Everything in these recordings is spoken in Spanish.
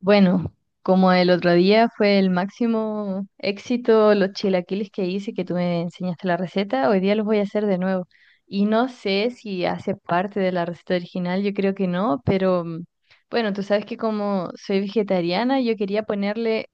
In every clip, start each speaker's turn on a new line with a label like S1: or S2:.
S1: Bueno, como el otro día fue el máximo éxito los chilaquiles que hice, que tú me enseñaste la receta, hoy día los voy a hacer de nuevo. Y no sé si hace parte de la receta original, yo creo que no, pero bueno, tú sabes que como soy vegetariana, yo quería ponerle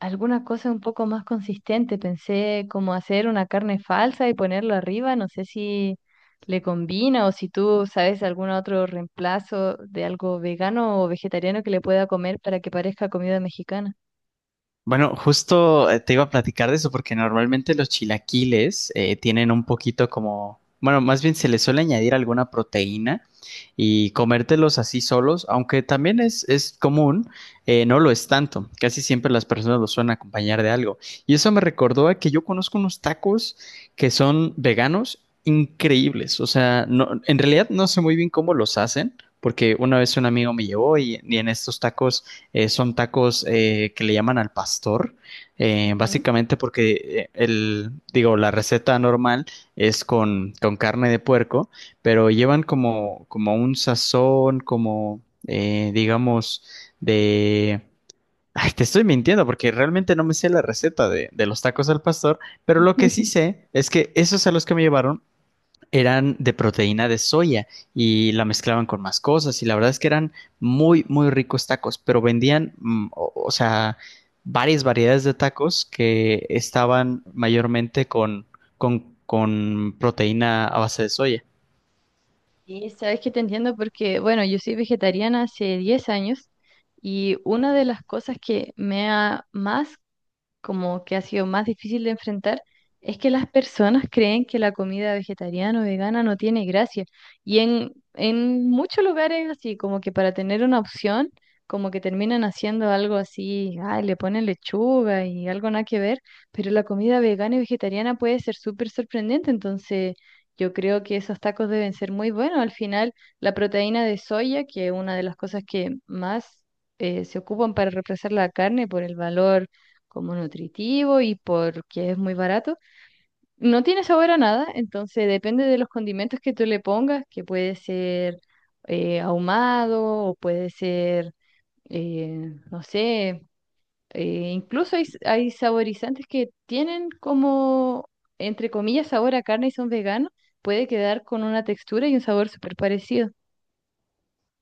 S1: alguna cosa un poco más consistente. Pensé como hacer una carne falsa y ponerlo arriba. No sé si le combina o si tú sabes algún otro reemplazo de algo vegano o vegetariano que le pueda comer para que parezca comida mexicana.
S2: Bueno, justo te iba a platicar de eso porque normalmente los chilaquiles tienen un poquito como, bueno, más bien se les suele añadir alguna proteína y comértelos así solos, aunque también es común, no lo es tanto. Casi siempre las personas los suelen acompañar de algo. Y eso me recordó a que yo conozco unos tacos que son veganos increíbles. O sea, no, en realidad no sé muy bien cómo los hacen. Porque una vez un amigo me llevó y en estos tacos son tacos que le llaman al pastor,
S1: Ujú.
S2: básicamente porque el, digo, la receta normal es con carne de puerco, pero llevan como un sazón, como digamos, de... Ay, te estoy mintiendo porque realmente no me sé la receta de los tacos al pastor, pero lo que sí sé es que esos a los que me llevaron eran de proteína de soya y la mezclaban con más cosas y la verdad es que eran muy, muy ricos tacos, pero vendían, o sea, varias variedades de tacos que estaban mayormente con, con proteína a base de soya.
S1: Y sabes que te entiendo porque, bueno, yo soy vegetariana hace 10 años y una de las cosas que me ha más como que ha sido más difícil de enfrentar, es que las personas creen que la comida vegetariana o vegana no tiene gracia. Y en muchos lugares así, como que para tener una opción, como que terminan haciendo algo así, ay, le ponen lechuga y algo nada que ver, pero la comida vegana y vegetariana puede ser súper sorprendente, entonces... Yo creo que esos tacos deben ser muy buenos. Al final, la proteína de soya, que es una de las cosas que más se ocupan para reemplazar la carne por el valor como nutritivo y porque es muy barato. No tiene sabor a nada, entonces depende de los condimentos que tú le pongas, que puede ser ahumado o puede ser, no sé, incluso hay saborizantes que tienen como, entre comillas, sabor a carne y son veganos, puede quedar con una textura y un sabor súper parecido.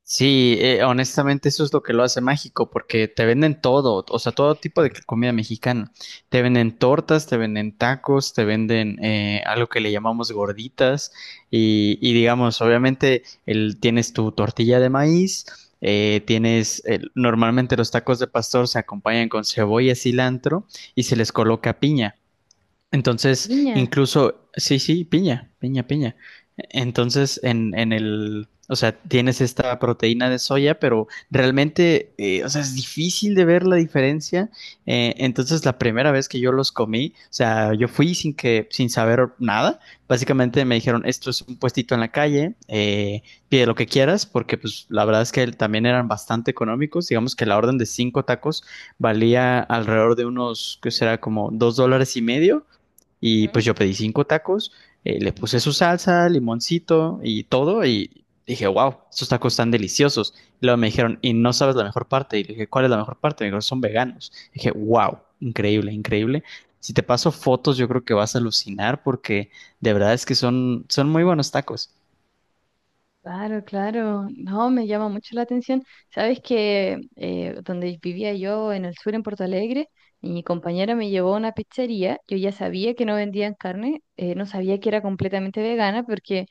S2: Sí, honestamente eso es lo que lo hace mágico, porque te venden todo, o sea, todo tipo de comida mexicana. Te venden tortas, te venden tacos, te venden algo que le llamamos gorditas y digamos, obviamente el, tienes tu tortilla de maíz, normalmente los tacos de pastor se acompañan con cebolla, cilantro y se les coloca piña. Entonces,
S1: Piña.
S2: incluso, sí, sí, piña, piña, piña. Entonces, en el, o sea, tienes esta proteína de soya, pero realmente, o sea, es difícil de ver la diferencia. Entonces, la primera vez que yo los comí, o sea, yo fui sin saber nada. Básicamente me dijeron, esto es un puestito en la calle, pide lo que quieras, porque pues la verdad es que también eran bastante económicos. Digamos que la orden de cinco tacos valía alrededor de unos, que será como 2,5 dólares. Y pues yo pedí cinco tacos, le puse su salsa, limoncito y todo. Y dije, wow, estos tacos están deliciosos. Y luego me dijeron, y no sabes la mejor parte. Y le dije, ¿cuál es la mejor parte? Me dijeron, son veganos. Y dije, wow, increíble, increíble. Si te paso fotos, yo creo que vas a alucinar porque de verdad es que son, son muy buenos tacos.
S1: Claro, claro. No, me llama mucho la atención. Sabes que donde vivía yo en el sur, en Porto Alegre, mi compañera me llevó a una pizzería. Yo ya sabía que no vendían carne, no sabía que era completamente vegana, porque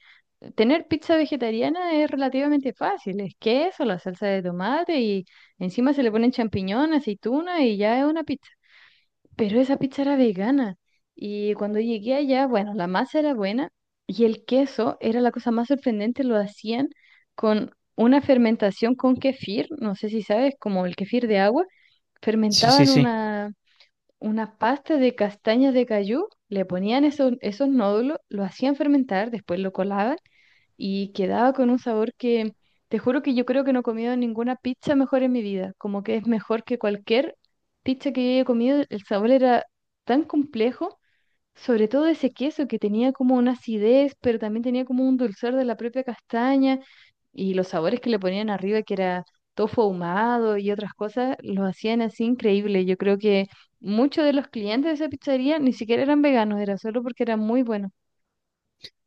S1: tener pizza vegetariana es relativamente fácil. Es queso, la salsa de tomate y encima se le ponen champiñón, aceituna y ya es una pizza. Pero esa pizza era vegana. Y cuando llegué allá, bueno, la masa era buena y el queso era la cosa más sorprendente, lo hacían con una fermentación con kefir, no sé si sabes, como el kefir de agua,
S2: Sí, sí,
S1: fermentaban
S2: sí.
S1: una pasta de castañas de cayú, le ponían esos, esos nódulos, lo hacían fermentar, después lo colaban y quedaba con un sabor que te juro que yo creo que no he comido ninguna pizza mejor en mi vida, como que es mejor que cualquier pizza que yo haya comido, el sabor era tan complejo, sobre todo ese queso que tenía como una acidez, pero también tenía como un dulzor de la propia castaña y los sabores que le ponían arriba que era tofu ahumado y otras cosas, lo hacían así increíble. Yo creo que muchos de los clientes de esa pizzería ni siquiera eran veganos, era solo porque era muy bueno.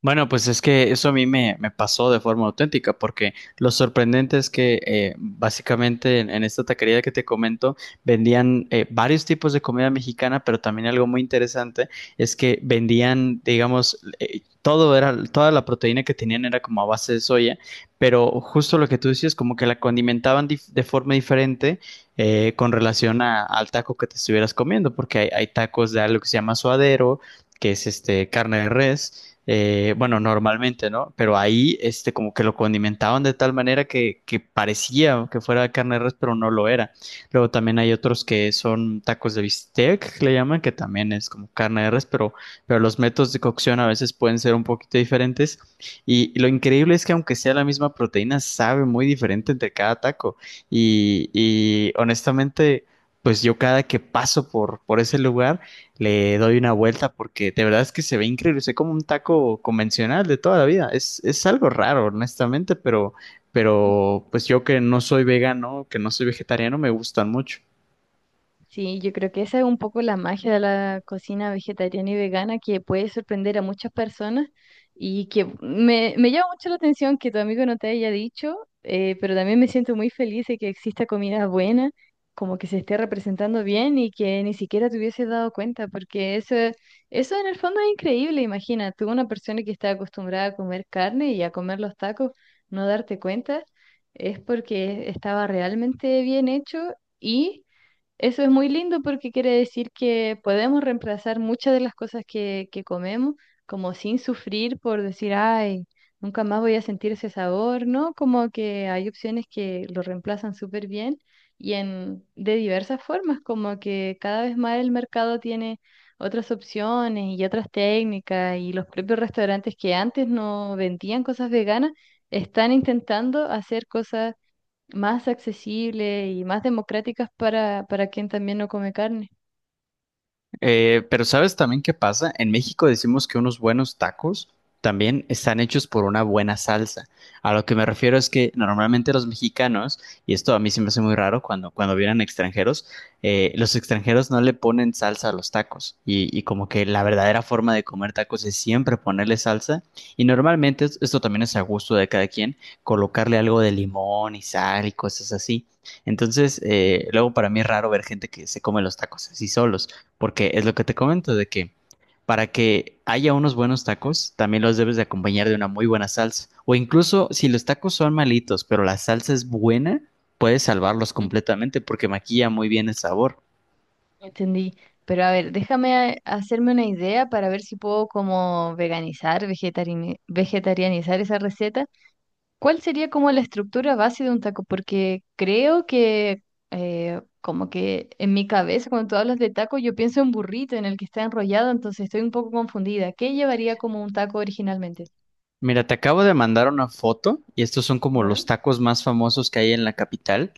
S2: Bueno, pues es que eso a mí me pasó de forma auténtica, porque lo sorprendente es que básicamente en esta taquería que te comento vendían varios tipos de comida mexicana, pero también algo muy interesante es que vendían, digamos, toda la proteína que tenían era como a base de soya, pero justo lo que tú decías, como que la condimentaban de forma diferente con relación al taco que te estuvieras comiendo, porque hay tacos de algo que se llama suadero, que es este carne de res bueno, normalmente, ¿no? Pero ahí, este, como que lo condimentaban de tal manera que parecía que fuera carne de res, pero no lo era. Luego también hay otros que son tacos de bistec, que le llaman, que también es como carne de res, pero los métodos de cocción a veces pueden ser un poquito diferentes. Y lo increíble es que aunque sea la misma proteína, sabe muy diferente entre cada taco. Y honestamente, pues yo cada que paso por ese lugar, le doy una vuelta porque de verdad es que se ve increíble, se ve como un taco convencional de toda la vida. Es algo raro, honestamente,
S1: Ujú.
S2: pero pues yo que no soy vegano, que no soy vegetariano, me gustan mucho.
S1: Sí, yo creo que esa es un poco la magia de la cocina vegetariana y vegana que puede sorprender a muchas personas y que me llama mucho la atención que tu amigo no te haya dicho, pero también me siento muy feliz de que exista comida buena, como que se esté representando bien y que ni siquiera te hubieses dado cuenta, porque eso en el fondo es increíble, imagina, tú una persona que está acostumbrada a comer carne y a comer los tacos, no darte cuenta, es porque estaba realmente bien hecho y... Eso es muy lindo porque quiere decir que podemos reemplazar muchas de las cosas que comemos, como sin sufrir por decir, ay, nunca más voy a sentir ese sabor, ¿no? Como que hay opciones que lo reemplazan súper bien y de diversas formas, como que cada vez más el mercado tiene otras opciones y otras técnicas y los propios restaurantes que antes no vendían cosas veganas están intentando hacer cosas más accesibles y más democráticas para quien también no come carne.
S2: Pero ¿sabes también qué pasa? En México decimos que unos buenos tacos también están hechos por una buena salsa. A lo que me refiero es que normalmente los mexicanos, y esto a mí se me hace muy raro cuando vienen extranjeros, los extranjeros no le ponen salsa a los tacos. Y como que la verdadera forma de comer tacos es siempre ponerle salsa. Y normalmente esto también es a gusto de cada quien, colocarle algo de limón y sal y cosas así. Entonces,
S1: Mm.
S2: luego para mí es raro ver gente que se come los tacos así solos. Porque es lo que te comento, de que para que haya unos buenos tacos, también los debes de acompañar de una muy buena salsa. O incluso si los tacos son malitos, pero la salsa es buena, puedes salvarlos
S1: Mm.
S2: completamente porque maquilla muy bien el sabor.
S1: Entendí. Pero a ver, déjame hacerme una idea para ver si puedo como veganizar, vegetarianizar esa receta. ¿Cuál sería como la estructura base de un taco? Porque creo que como que en mi cabeza cuando tú hablas de taco yo pienso en burrito en el que está enrollado, entonces estoy un poco confundida. ¿Qué llevaría como un taco originalmente?
S2: Mira, te acabo de mandar una foto y estos son como
S1: Ya.
S2: los tacos más famosos que hay en la capital,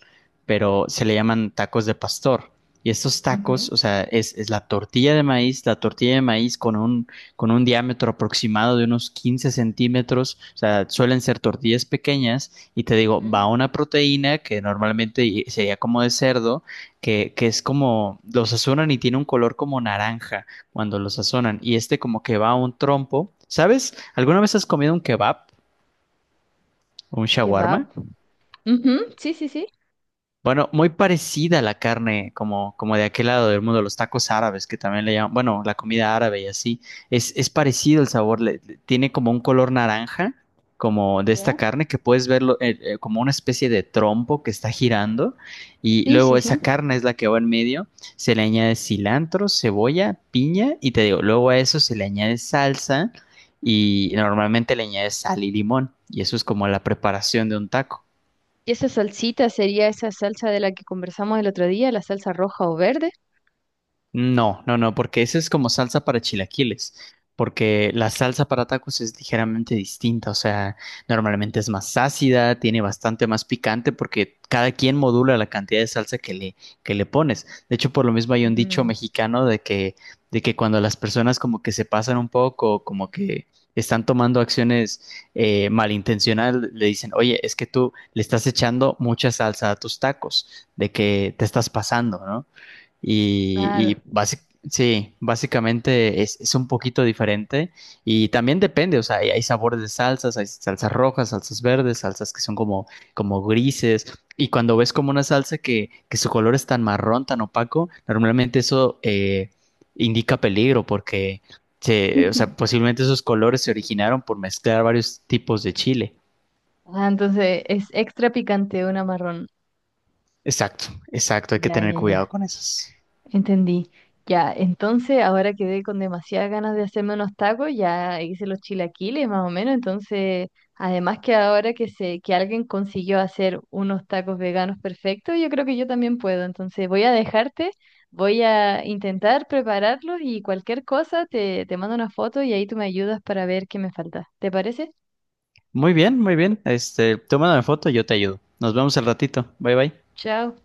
S2: pero se le llaman tacos de pastor. Y estos
S1: Ujú.
S2: tacos, o sea, es la tortilla de maíz, la tortilla de maíz con un, diámetro aproximado de unos 15 centímetros, o sea, suelen ser tortillas pequeñas y te digo, va
S1: Ujú.
S2: una proteína que normalmente sería como de cerdo, que es como, los asuran y tiene un color como naranja cuando lo sazonan. Y este como que va a un trompo. ¿Sabes? ¿Alguna vez has comido un kebab o un shawarma?
S1: Kebab, ujú, sí, sí, sí.
S2: Bueno, muy parecida a la carne, como de aquel lado del mundo, los tacos árabes, que también le llaman, bueno, la comida árabe y así. Es parecido el sabor, tiene como un color naranja, como de esta
S1: ¿Ya?
S2: carne, que puedes verlo como una especie de trompo que está girando. Y
S1: Sí,
S2: luego
S1: sí, sí.
S2: esa carne es la que va en medio, se le añade cilantro, cebolla, piña, y te digo, luego a eso se le añade salsa y normalmente le añades sal y limón. Y eso es como la preparación de un taco.
S1: ¿Y esa salsita sería esa salsa de la que conversamos el otro día, la salsa roja o verde?
S2: No, no, no, porque esa es como salsa para chilaquiles, porque la salsa para tacos es ligeramente distinta, o sea, normalmente es más ácida, tiene bastante más picante, porque cada quien modula la cantidad de salsa que le pones. De hecho, por lo mismo hay un dicho
S1: Mm,
S2: mexicano de que cuando las personas como que se pasan un poco, como que están tomando acciones malintencionadas, le dicen, oye, es que tú le estás echando mucha salsa a tus tacos, de que te estás pasando, ¿no? Y,
S1: claro.
S2: y basi- sí, básicamente es un poquito diferente y también depende, o sea, hay sabores de salsas, hay salsas rojas, salsas verdes, salsas que son como, como grises y cuando ves como una salsa que su color es tan marrón, tan opaco, normalmente eso indica peligro porque, o sea, posiblemente esos colores se originaron por mezclar varios tipos de chile.
S1: Ah, entonces es extra picante una marrón.
S2: Exacto, exacto, hay que
S1: Ya,
S2: tener
S1: ya,
S2: cuidado
S1: ya.
S2: con esos.
S1: Entendí. Ya, entonces ahora quedé con demasiadas ganas de hacerme unos tacos, ya hice los chilaquiles más o menos, entonces además que ahora que sé que alguien consiguió hacer unos tacos veganos perfectos, yo creo que yo también puedo, entonces voy a dejarte, voy a intentar prepararlos y cualquier cosa te mando una foto y ahí tú me ayudas para ver qué me falta. ¿Te parece?
S2: Muy bien, muy bien. Este, tómame foto y yo te ayudo. Nos vemos al ratito. Bye bye.
S1: Chao.